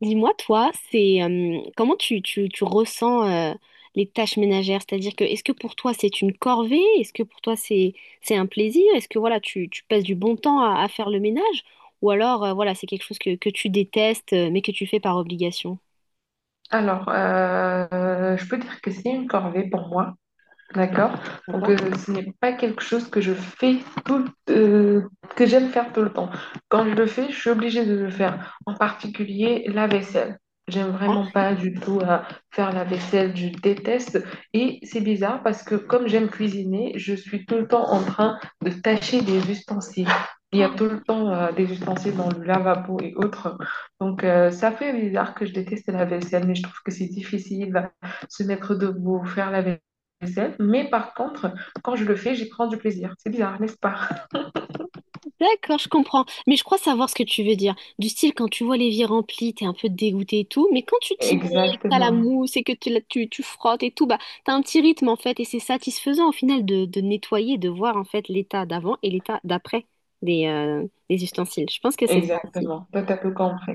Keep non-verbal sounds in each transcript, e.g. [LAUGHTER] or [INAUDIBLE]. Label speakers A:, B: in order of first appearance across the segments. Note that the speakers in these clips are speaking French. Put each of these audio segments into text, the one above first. A: Dis-moi, toi, c'est comment tu ressens les tâches ménagères? C'est-à-dire que est-ce que pour toi c'est une corvée? Est-ce que pour toi c'est un plaisir? Est-ce que voilà, tu passes du bon temps à faire le ménage? Ou alors voilà, c'est quelque chose que tu détestes mais que tu fais par obligation.
B: Je peux dire que c'est une corvée pour moi. D'accord. Donc,
A: D'accord?
B: euh, ce n'est pas quelque chose que je fais tout, euh, que j'aime faire tout le temps. Quand je le fais, je suis obligée de le faire. En particulier, la vaisselle. J'aime vraiment pas du tout faire la vaisselle, je déteste. Et c'est bizarre parce que comme j'aime cuisiner, je suis tout le temps en train de tâcher des ustensiles. Il y a
A: Ah.
B: tout le temps des ustensiles dans le lavabo et autres. Donc, ça fait bizarre que je déteste la vaisselle, mais je trouve que c'est difficile de se mettre debout, faire la vaisselle. SF, mais par contre, quand je le fais, j'y prends du plaisir. C'est bizarre, n'est-ce pas?
A: D'accord, je comprends. Mais je crois savoir ce que tu veux dire. Du style, quand tu vois l'évier rempli, t'es un peu dégoûté et tout, mais quand tu t'y mets, et que t'as la
B: Exactement,
A: mousse et que tu frottes et tout, bah, t'as un petit rythme en fait, et c'est satisfaisant au final de nettoyer, de voir en fait l'état d'avant et l'état d'après des ustensiles. Je pense que c'est ça.
B: exactement. Toi, t'as tout compris.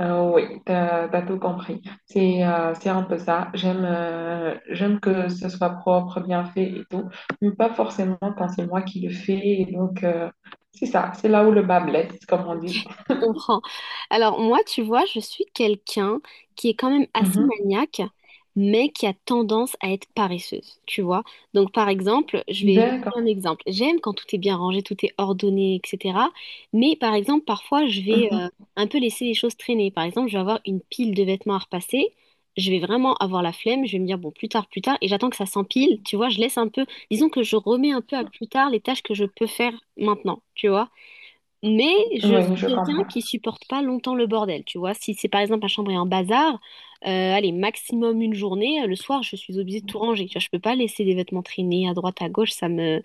B: Oui, t'as tout compris. C'est un peu ça. J'aime j'aime que ce soit propre, bien fait et tout, mais pas forcément quand c'est moi qui le fais. Et donc, c'est ça. C'est là où le bas blesse, comme on dit.
A: Je comprends. Alors moi, tu vois, je suis quelqu'un qui est quand même assez
B: Mhm.
A: maniaque, mais qui a tendance à être paresseuse, tu vois. Donc par exemple, je vais te
B: D'accord.
A: donner un exemple. J'aime quand tout est bien rangé, tout est ordonné, etc. Mais par exemple, parfois, je vais
B: Mhm.
A: un peu laisser les choses traîner. Par exemple, je vais avoir une pile de vêtements à repasser. Je vais vraiment avoir la flemme, je vais me dire bon plus tard, et j'attends que ça s'empile, tu vois, je laisse un peu, disons que je remets un peu à plus tard les tâches que je peux faire maintenant, tu vois. Mais je
B: Oui,
A: suis
B: je
A: quelqu'un
B: comprends.
A: qui supporte pas longtemps le bordel, tu vois. Si c'est par exemple ma chambre est en bazar, allez, maximum une journée, le soir je suis obligée de tout ranger. Tu vois, je peux pas laisser des vêtements traîner à droite, à gauche, ça me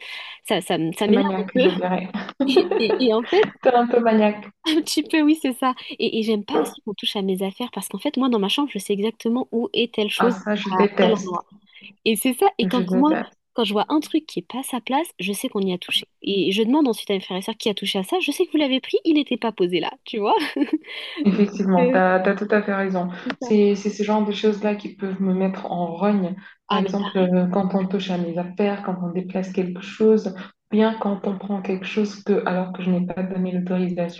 A: ça, ça, me- ça
B: C'est
A: m'énerve un
B: maniaque,
A: peu.
B: je
A: [LAUGHS]
B: dirais.
A: Et en fait,
B: [LAUGHS] T'es un peu maniaque.
A: un petit peu, oui, c'est ça. Et j'aime pas aussi qu'on touche à mes affaires parce qu'en fait, moi, dans ma chambre, je sais exactement où est telle
B: Ah,
A: chose,
B: ça, je
A: à quel
B: déteste.
A: endroit. Et c'est ça. Et
B: Je
A: quand moi,
B: déteste.
A: quand je vois un truc qui est pas à sa place, je sais qu'on y a touché. Et je demande ensuite à mes frères et sœurs qui a touché à ça. Je sais que vous l'avez pris, il n'était pas posé là, tu vois. [LAUGHS]
B: Effectivement, tu
A: Euh,
B: as, tout à fait raison.
A: c'est ça.
B: C'est ce genre de choses-là qui peuvent me mettre en rogne. Par
A: Ah, mais
B: exemple,
A: pareil,
B: quand on touche à mes affaires, quand on déplace quelque chose, bien quand on prend quelque chose que, alors que je n'ai pas donné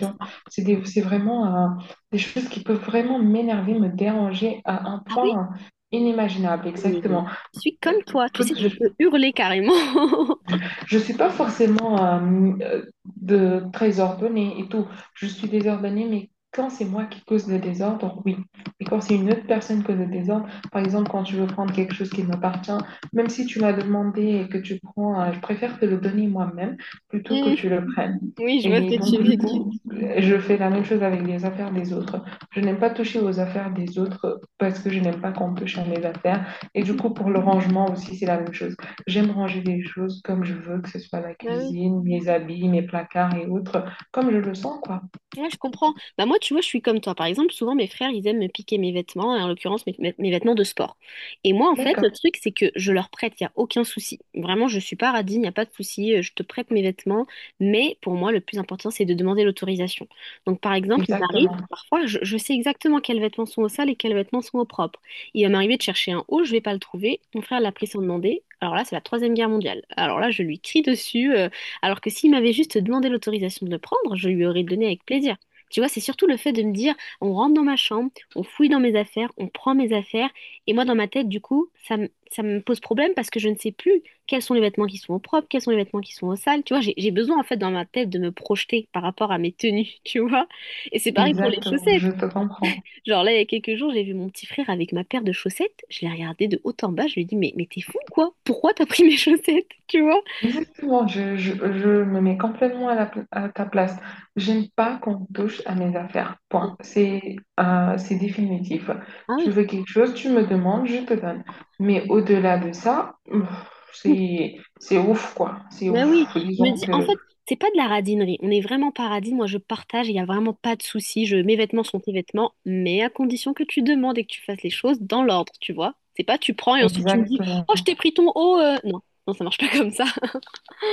A: c'est ça.
B: c'est vraiment des choses qui peuvent vraiment m'énerver, me déranger à un
A: Ah oui,
B: point inimaginable.
A: mais
B: Exactement.
A: je suis comme toi. Tu sais que je peux hurler carrément. [LAUGHS]
B: Je ne suis pas forcément euh, très ordonnée et tout. Je suis désordonnée, mais quand c'est moi qui cause le désordre, oui. Et quand c'est une autre personne qui cause le désordre, par exemple, quand tu veux prendre quelque chose qui m'appartient, même si tu m'as demandé et que tu prends, je préfère te le donner moi-même plutôt que
A: Hmm,
B: tu le prennes.
A: oui, je vois ce
B: Et
A: que tu
B: donc,
A: veux
B: du
A: dire.
B: coup, je fais la même chose avec les affaires des autres. Je n'aime pas toucher aux affaires des autres parce que je n'aime pas qu'on touche à mes affaires. Et du coup,
A: [LAUGHS]
B: pour le rangement aussi, c'est la même chose. J'aime ranger les choses comme je veux, que ce soit ma
A: Bah oui,
B: cuisine, mes habits, mes placards et autres, comme je le sens, quoi.
A: ouais, je comprends. Bah moi, tu vois, je suis comme toi. Par exemple, souvent, mes frères, ils aiment me piquer mes vêtements, en l'occurrence, mes vêtements de sport. Et moi, en fait,
B: D'accord,
A: le truc, c'est que je leur prête, il n'y a aucun souci. Vraiment, je suis pas radine, il n'y a pas de souci, je te prête mes vêtements. Mais pour moi, le plus important, c'est de demander l'autorisation. Donc, par exemple, il m'arrive,
B: exactement,
A: parfois, je sais exactement quels vêtements sont au sale et quels vêtements sont au propre. Il va m'arriver de chercher un haut, je vais pas le trouver. Mon frère l'a pris sans demander. Alors là, c'est la Troisième Guerre mondiale. Alors là, je lui crie dessus. Alors que s'il m'avait juste demandé l'autorisation de le prendre, je lui aurais donné avec plaisir. Tu vois, c'est surtout le fait de me dire, on rentre dans ma chambre, on fouille dans mes affaires, on prend mes affaires, et moi dans ma tête, du coup, ça me pose problème parce que je ne sais plus quels sont les vêtements qui sont au propre, quels sont les vêtements qui sont au sale. Tu vois, j'ai besoin en fait dans ma tête de me projeter par rapport à mes tenues, [LAUGHS] tu vois. Et c'est pareil pour les
B: exactement,
A: chaussettes.
B: je te comprends.
A: Genre là, il y a quelques jours, j'ai vu mon petit frère avec ma paire de chaussettes, je l'ai regardé de haut en bas, je lui ai dit, mais t'es fou quoi? Pourquoi t'as pris mes chaussettes? Tu vois?
B: Exactement, je me mets complètement à, à ta place. J'aime pas qu'on touche à mes affaires, point. C'est définitif.
A: Ah
B: Je
A: oui.
B: veux quelque chose, tu me demandes, je te donne. Mais au-delà de ça, pff, c'est ouf, quoi. C'est
A: Ben oui,
B: ouf.
A: je me
B: Disons
A: dis, en
B: que,
A: fait, c'est pas de la radinerie. On est vraiment pas radine. Moi, je partage, il n'y a vraiment pas de souci. Je, mes vêtements sont tes vêtements, mais à condition que tu demandes et que tu fasses les choses dans l'ordre, tu vois. C'est pas tu prends et ensuite tu me dis,
B: exactement.
A: oh, je t'ai pris ton haut. Non, non, ça marche pas comme ça. [LAUGHS]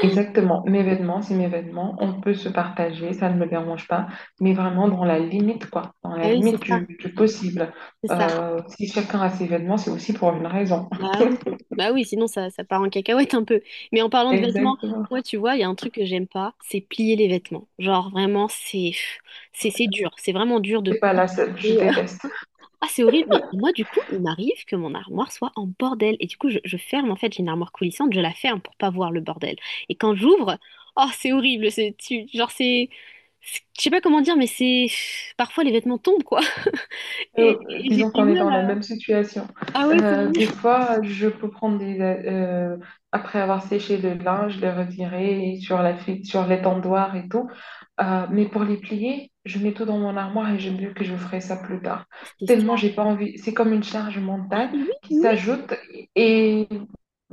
B: Exactement, mes vêtements, c'est mes vêtements, on peut se partager, ça ne me dérange pas, mais vraiment dans la limite, quoi, dans la
A: Ah oui, c'est
B: limite
A: ça,
B: du possible.
A: c'est ça.
B: Si chacun a ses vêtements, c'est aussi pour une raison.
A: Bah oui, sinon ça part en cacahuète un peu. Mais en parlant de vêtements,
B: Exactement.
A: moi, tu vois, il y a un truc que j'aime pas, c'est plier les vêtements. Genre, vraiment, c'est dur. C'est vraiment dur de
B: C'est pas
A: plier.
B: la seule, je déteste.
A: Ah, c'est horrible, mais moi, du coup, il m'arrive que mon armoire soit en bordel. Et du coup, je ferme, en fait, j'ai une armoire coulissante, je la ferme pour pas voir le bordel. Et quand j'ouvre, oh, c'est horrible, c'est, tu- genre, c'est- je sais pas comment dire, mais c'est, parfois, les vêtements tombent, quoi. [LAUGHS] Et, et j'ai
B: Disons
A: du
B: qu'on est
A: mal
B: dans la
A: à...
B: même situation.
A: Ah ouais, c'est...
B: Des fois, je peux prendre après avoir séché le linge, le retirer sur sur l'étendoir et tout. Mais pour les plier, je mets tout dans mon armoire et je me dis que je ferai ça plus tard.
A: C'est
B: Tellement
A: ça.
B: j'ai pas envie. C'est comme une charge mentale
A: Oui,
B: qui
A: oui,
B: s'ajoute et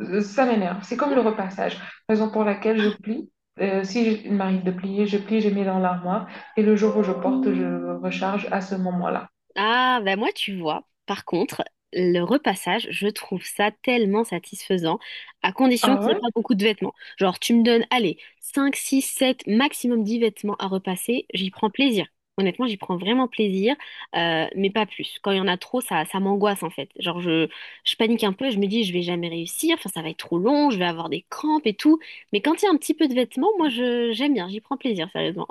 B: ça m'énerve. C'est comme le repassage. Raison pour laquelle je plie. Si je- Il m'arrive de plier, je plie, je mets dans l'armoire et le jour où je porte, je recharge à ce moment-là.
A: ah, bah moi, tu vois, par contre, le repassage, je trouve ça tellement satisfaisant, à condition
B: Ah
A: qu'il n'y ait
B: ouais?
A: pas beaucoup de vêtements. Genre, tu me donnes, allez, 5, 6, 7, maximum 10 vêtements à repasser, j'y prends plaisir. Honnêtement, j'y prends vraiment plaisir, mais pas plus. Quand il y en a trop, ça m'angoisse en fait. Genre, je panique un peu, je me dis, je vais jamais réussir, enfin, ça va être trop long, je vais avoir des crampes et tout. Mais quand il y a un petit peu de vêtements, moi, je, j'aime bien, j'y prends plaisir, sérieusement.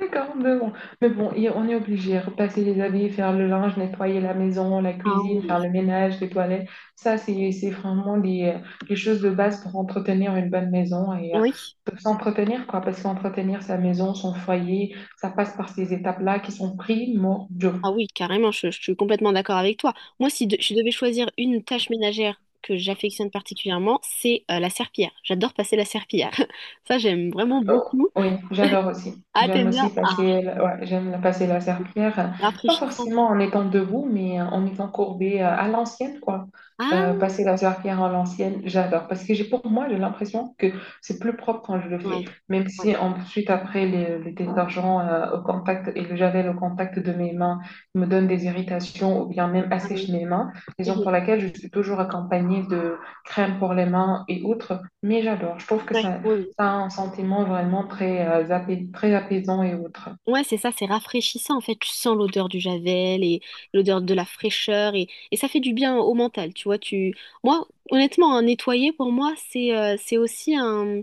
B: D'accord, et on est obligé de repasser les habits, faire le linge, nettoyer la maison, la
A: Ah
B: cuisine, faire
A: oui.
B: le ménage, les toilettes. Ça, c'est vraiment des choses de base pour entretenir une bonne maison et
A: Oui.
B: pour s'entretenir, quoi, parce qu'entretenir sa maison, son foyer, ça passe par ces étapes-là qui sont primordiaux.
A: Ah oui, carrément, je suis complètement d'accord avec toi. Moi, si je devais choisir une tâche ménagère que j'affectionne particulièrement, c'est la serpillière. J'adore passer la serpillière. [LAUGHS] Ça, j'aime vraiment
B: Oh,
A: beaucoup.
B: oui, j'adore aussi.
A: Ah, t'aimes bien? Ah,
B: J'aime passer la serpillière, pas
A: rafraîchissant.
B: forcément en étant debout, mais en étant courbée à l'ancienne, quoi.
A: Ah,
B: Passer la serpillière à l'ancienne, j'adore. Parce que j'ai l'impression que c'est plus propre quand je le fais.
A: ouais,
B: Même
A: ouais.
B: si ensuite, après, les détergents au contact et le javel au contact de mes mains me donnent des irritations ou bien même
A: Ah oui.
B: assèchent mes mains. Raison
A: Mhm.
B: pour laquelle je suis toujours accompagnée de crème pour les mains et autres. Mais j'adore. Je trouve que
A: Ouais, oui, oui.
B: ça a un sentiment vraiment très, très apaisant et autre.
A: Ouais, c'est ça, c'est rafraîchissant en fait. Tu sens l'odeur du javel et l'odeur de la fraîcheur et ça fait du bien au mental, tu vois. Tu... Moi, honnêtement, un nettoyer pour moi, c'est aussi un,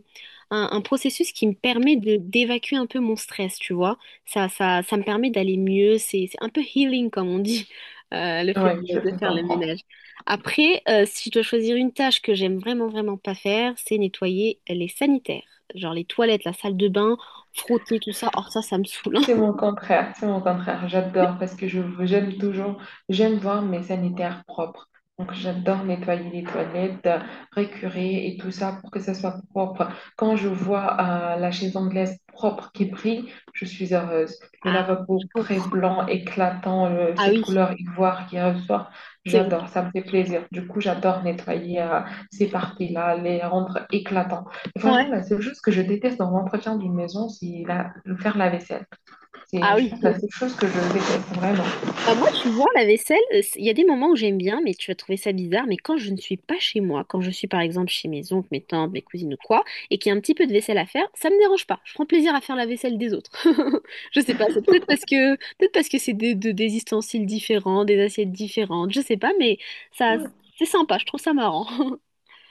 A: un processus qui me permet de d'évacuer un peu mon stress, tu vois. Ça me permet d'aller mieux. C'est un peu healing, comme on dit, [LAUGHS] le fait
B: Oui, je
A: de
B: te
A: faire le
B: comprends.
A: ménage. Après, si je dois choisir une tâche que j'aime vraiment, vraiment pas faire, c'est nettoyer les sanitaires. Genre les toilettes, la salle de bain, frotter tout ça. Or, ça me saoule.
B: C'est mon contraire. J'adore parce que j'aime voir mes sanitaires propres. Donc j'adore nettoyer les toilettes, récurer et tout ça pour que ça soit propre. Quand je vois la chaise anglaise propre qui brille, je suis heureuse. Le
A: Ah, je
B: lavabo très
A: comprends.
B: blanc, éclatant,
A: Ah
B: cette
A: oui,
B: couleur ivoire qui ressort,
A: c'est vrai.
B: j'adore, ça me fait plaisir. Du coup, j'adore nettoyer ces parties-là, les rendre éclatants. Vraiment,
A: Ouais.
B: la seule chose que je déteste dans l'entretien d'une maison, c'est faire la vaisselle.
A: Ah
B: C'est, je
A: oui.
B: pense, la seule chose que je déteste vraiment.
A: Bah, moi, tu vois, la vaisselle, c'est- il y a des moments où j'aime bien, mais tu vas trouver ça bizarre. Mais quand je ne suis pas chez moi, quand je suis par exemple chez mes oncles, mes tantes, mes cousines ou quoi, et qu'il y a un petit peu de vaisselle à faire, ça me dérange pas. Je prends plaisir à faire la vaisselle des autres. [LAUGHS] Je sais pas, c'est peut-être parce que c'est des ustensiles différents, des assiettes différentes, je sais pas, mais ça, c'est sympa, je trouve ça marrant. [LAUGHS]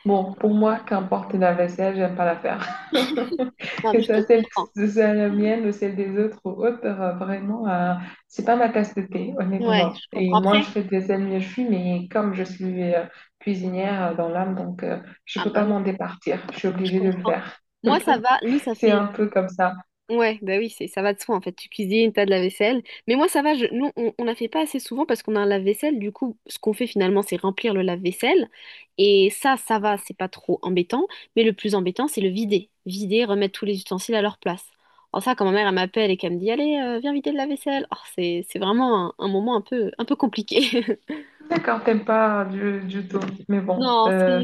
B: Bon, pour moi, qu'importe la vaisselle, j'aime pas la faire. [LAUGHS]
A: Non, mais je te comprends.
B: Que ce soit la mienne ou celle des autres ou autres, vraiment, c'est pas ma tasse de thé,
A: Ouais,
B: honnêtement.
A: je
B: Et
A: comprends
B: moi,
A: après.
B: je fais de vaisselle mieux je suis, mais comme je suis cuisinière dans l'âme, je
A: Ah
B: peux
A: bah
B: pas
A: oui,
B: m'en départir. Je suis
A: je
B: obligée de le
A: comprends.
B: faire.
A: Moi, ça va. Nous, ça
B: C'est
A: fait
B: un peu comme ça.
A: ouais, bah oui, c'est ça va de soi en fait. Tu cuisines, t'as de la vaisselle. Mais moi ça va, je... nous on la fait pas assez souvent parce qu'on a un lave-vaisselle. Du coup, ce qu'on fait finalement, c'est remplir le lave-vaisselle. Et ça va, c'est pas trop embêtant. Mais le plus embêtant, c'est le vider. Vider, remettre tous les ustensiles à leur place. Alors ça, quand ma mère elle m'appelle et qu'elle me dit, allez, viens vider le lave-vaisselle. Oh, c'est vraiment un moment un peu compliqué. [LAUGHS]
B: D'accord, t'aimes pas du tout, mais bon,
A: Non,
B: euh,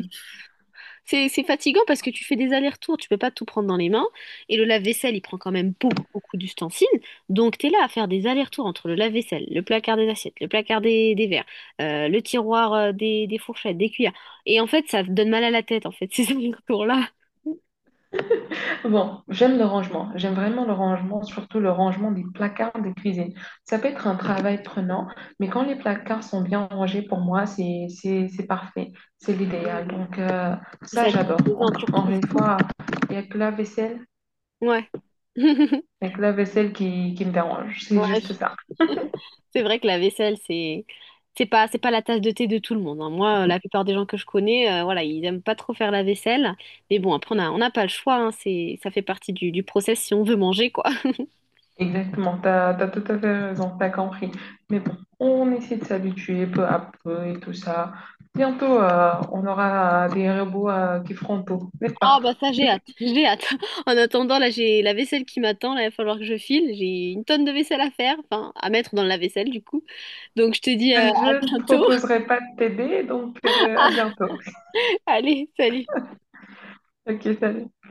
A: c'est fatigant parce que tu fais des allers-retours, tu peux pas tout prendre dans les mains. Et le lave-vaisselle, il prend quand même beaucoup, beaucoup d'ustensiles. Donc, tu es là à faire des allers-retours entre le lave-vaisselle, le placard des assiettes, le placard des verres, le tiroir des fourchettes, des cuillères. Et en fait, ça te donne mal à la tête, en fait, [LAUGHS] ces allers-retours-là.
B: bon, j'aime le rangement. J'aime vraiment le rangement, surtout le rangement des placards de cuisine. Ça peut être un travail prenant, mais quand les placards sont bien rangés, pour moi, c'est parfait. C'est
A: Ah
B: l'idéal.
A: oui.
B: Donc,
A: C'est
B: ça, j'adore.
A: satisfaisant, tu
B: Encore
A: retrouves
B: une
A: tout.
B: fois, il n'y a que la vaisselle,
A: Ouais. [LAUGHS]
B: il y a que la vaisselle qui me dérange. C'est
A: Ouais,
B: juste ça.
A: c'est vrai que la vaisselle, c'est pas la tasse de thé de tout le monde, hein. Moi, la plupart des gens que je connais, voilà, ils aiment pas trop faire la vaisselle. Mais bon, après, on n'a pas le choix, hein. C'est ça fait partie du process si on veut manger, quoi. [LAUGHS]
B: Exactement. Tu as, tout à fait raison. T'as compris. Mais bon, on essaie de s'habituer peu à peu et tout ça. Bientôt, on aura des robots qui feront tout, n'est-ce
A: Ah
B: pas?
A: bah ça, j'ai hâte, j'ai hâte. [LAUGHS] En attendant, là, j'ai la vaisselle qui m'attend. Là, il va falloir que je file. J'ai une tonne de vaisselle à faire, enfin à mettre dans la vaisselle du coup. Donc je te dis à
B: Je ne
A: bientôt.
B: proposerai pas de t'aider, à bientôt.
A: [LAUGHS] Allez, salut.
B: Ok, salut.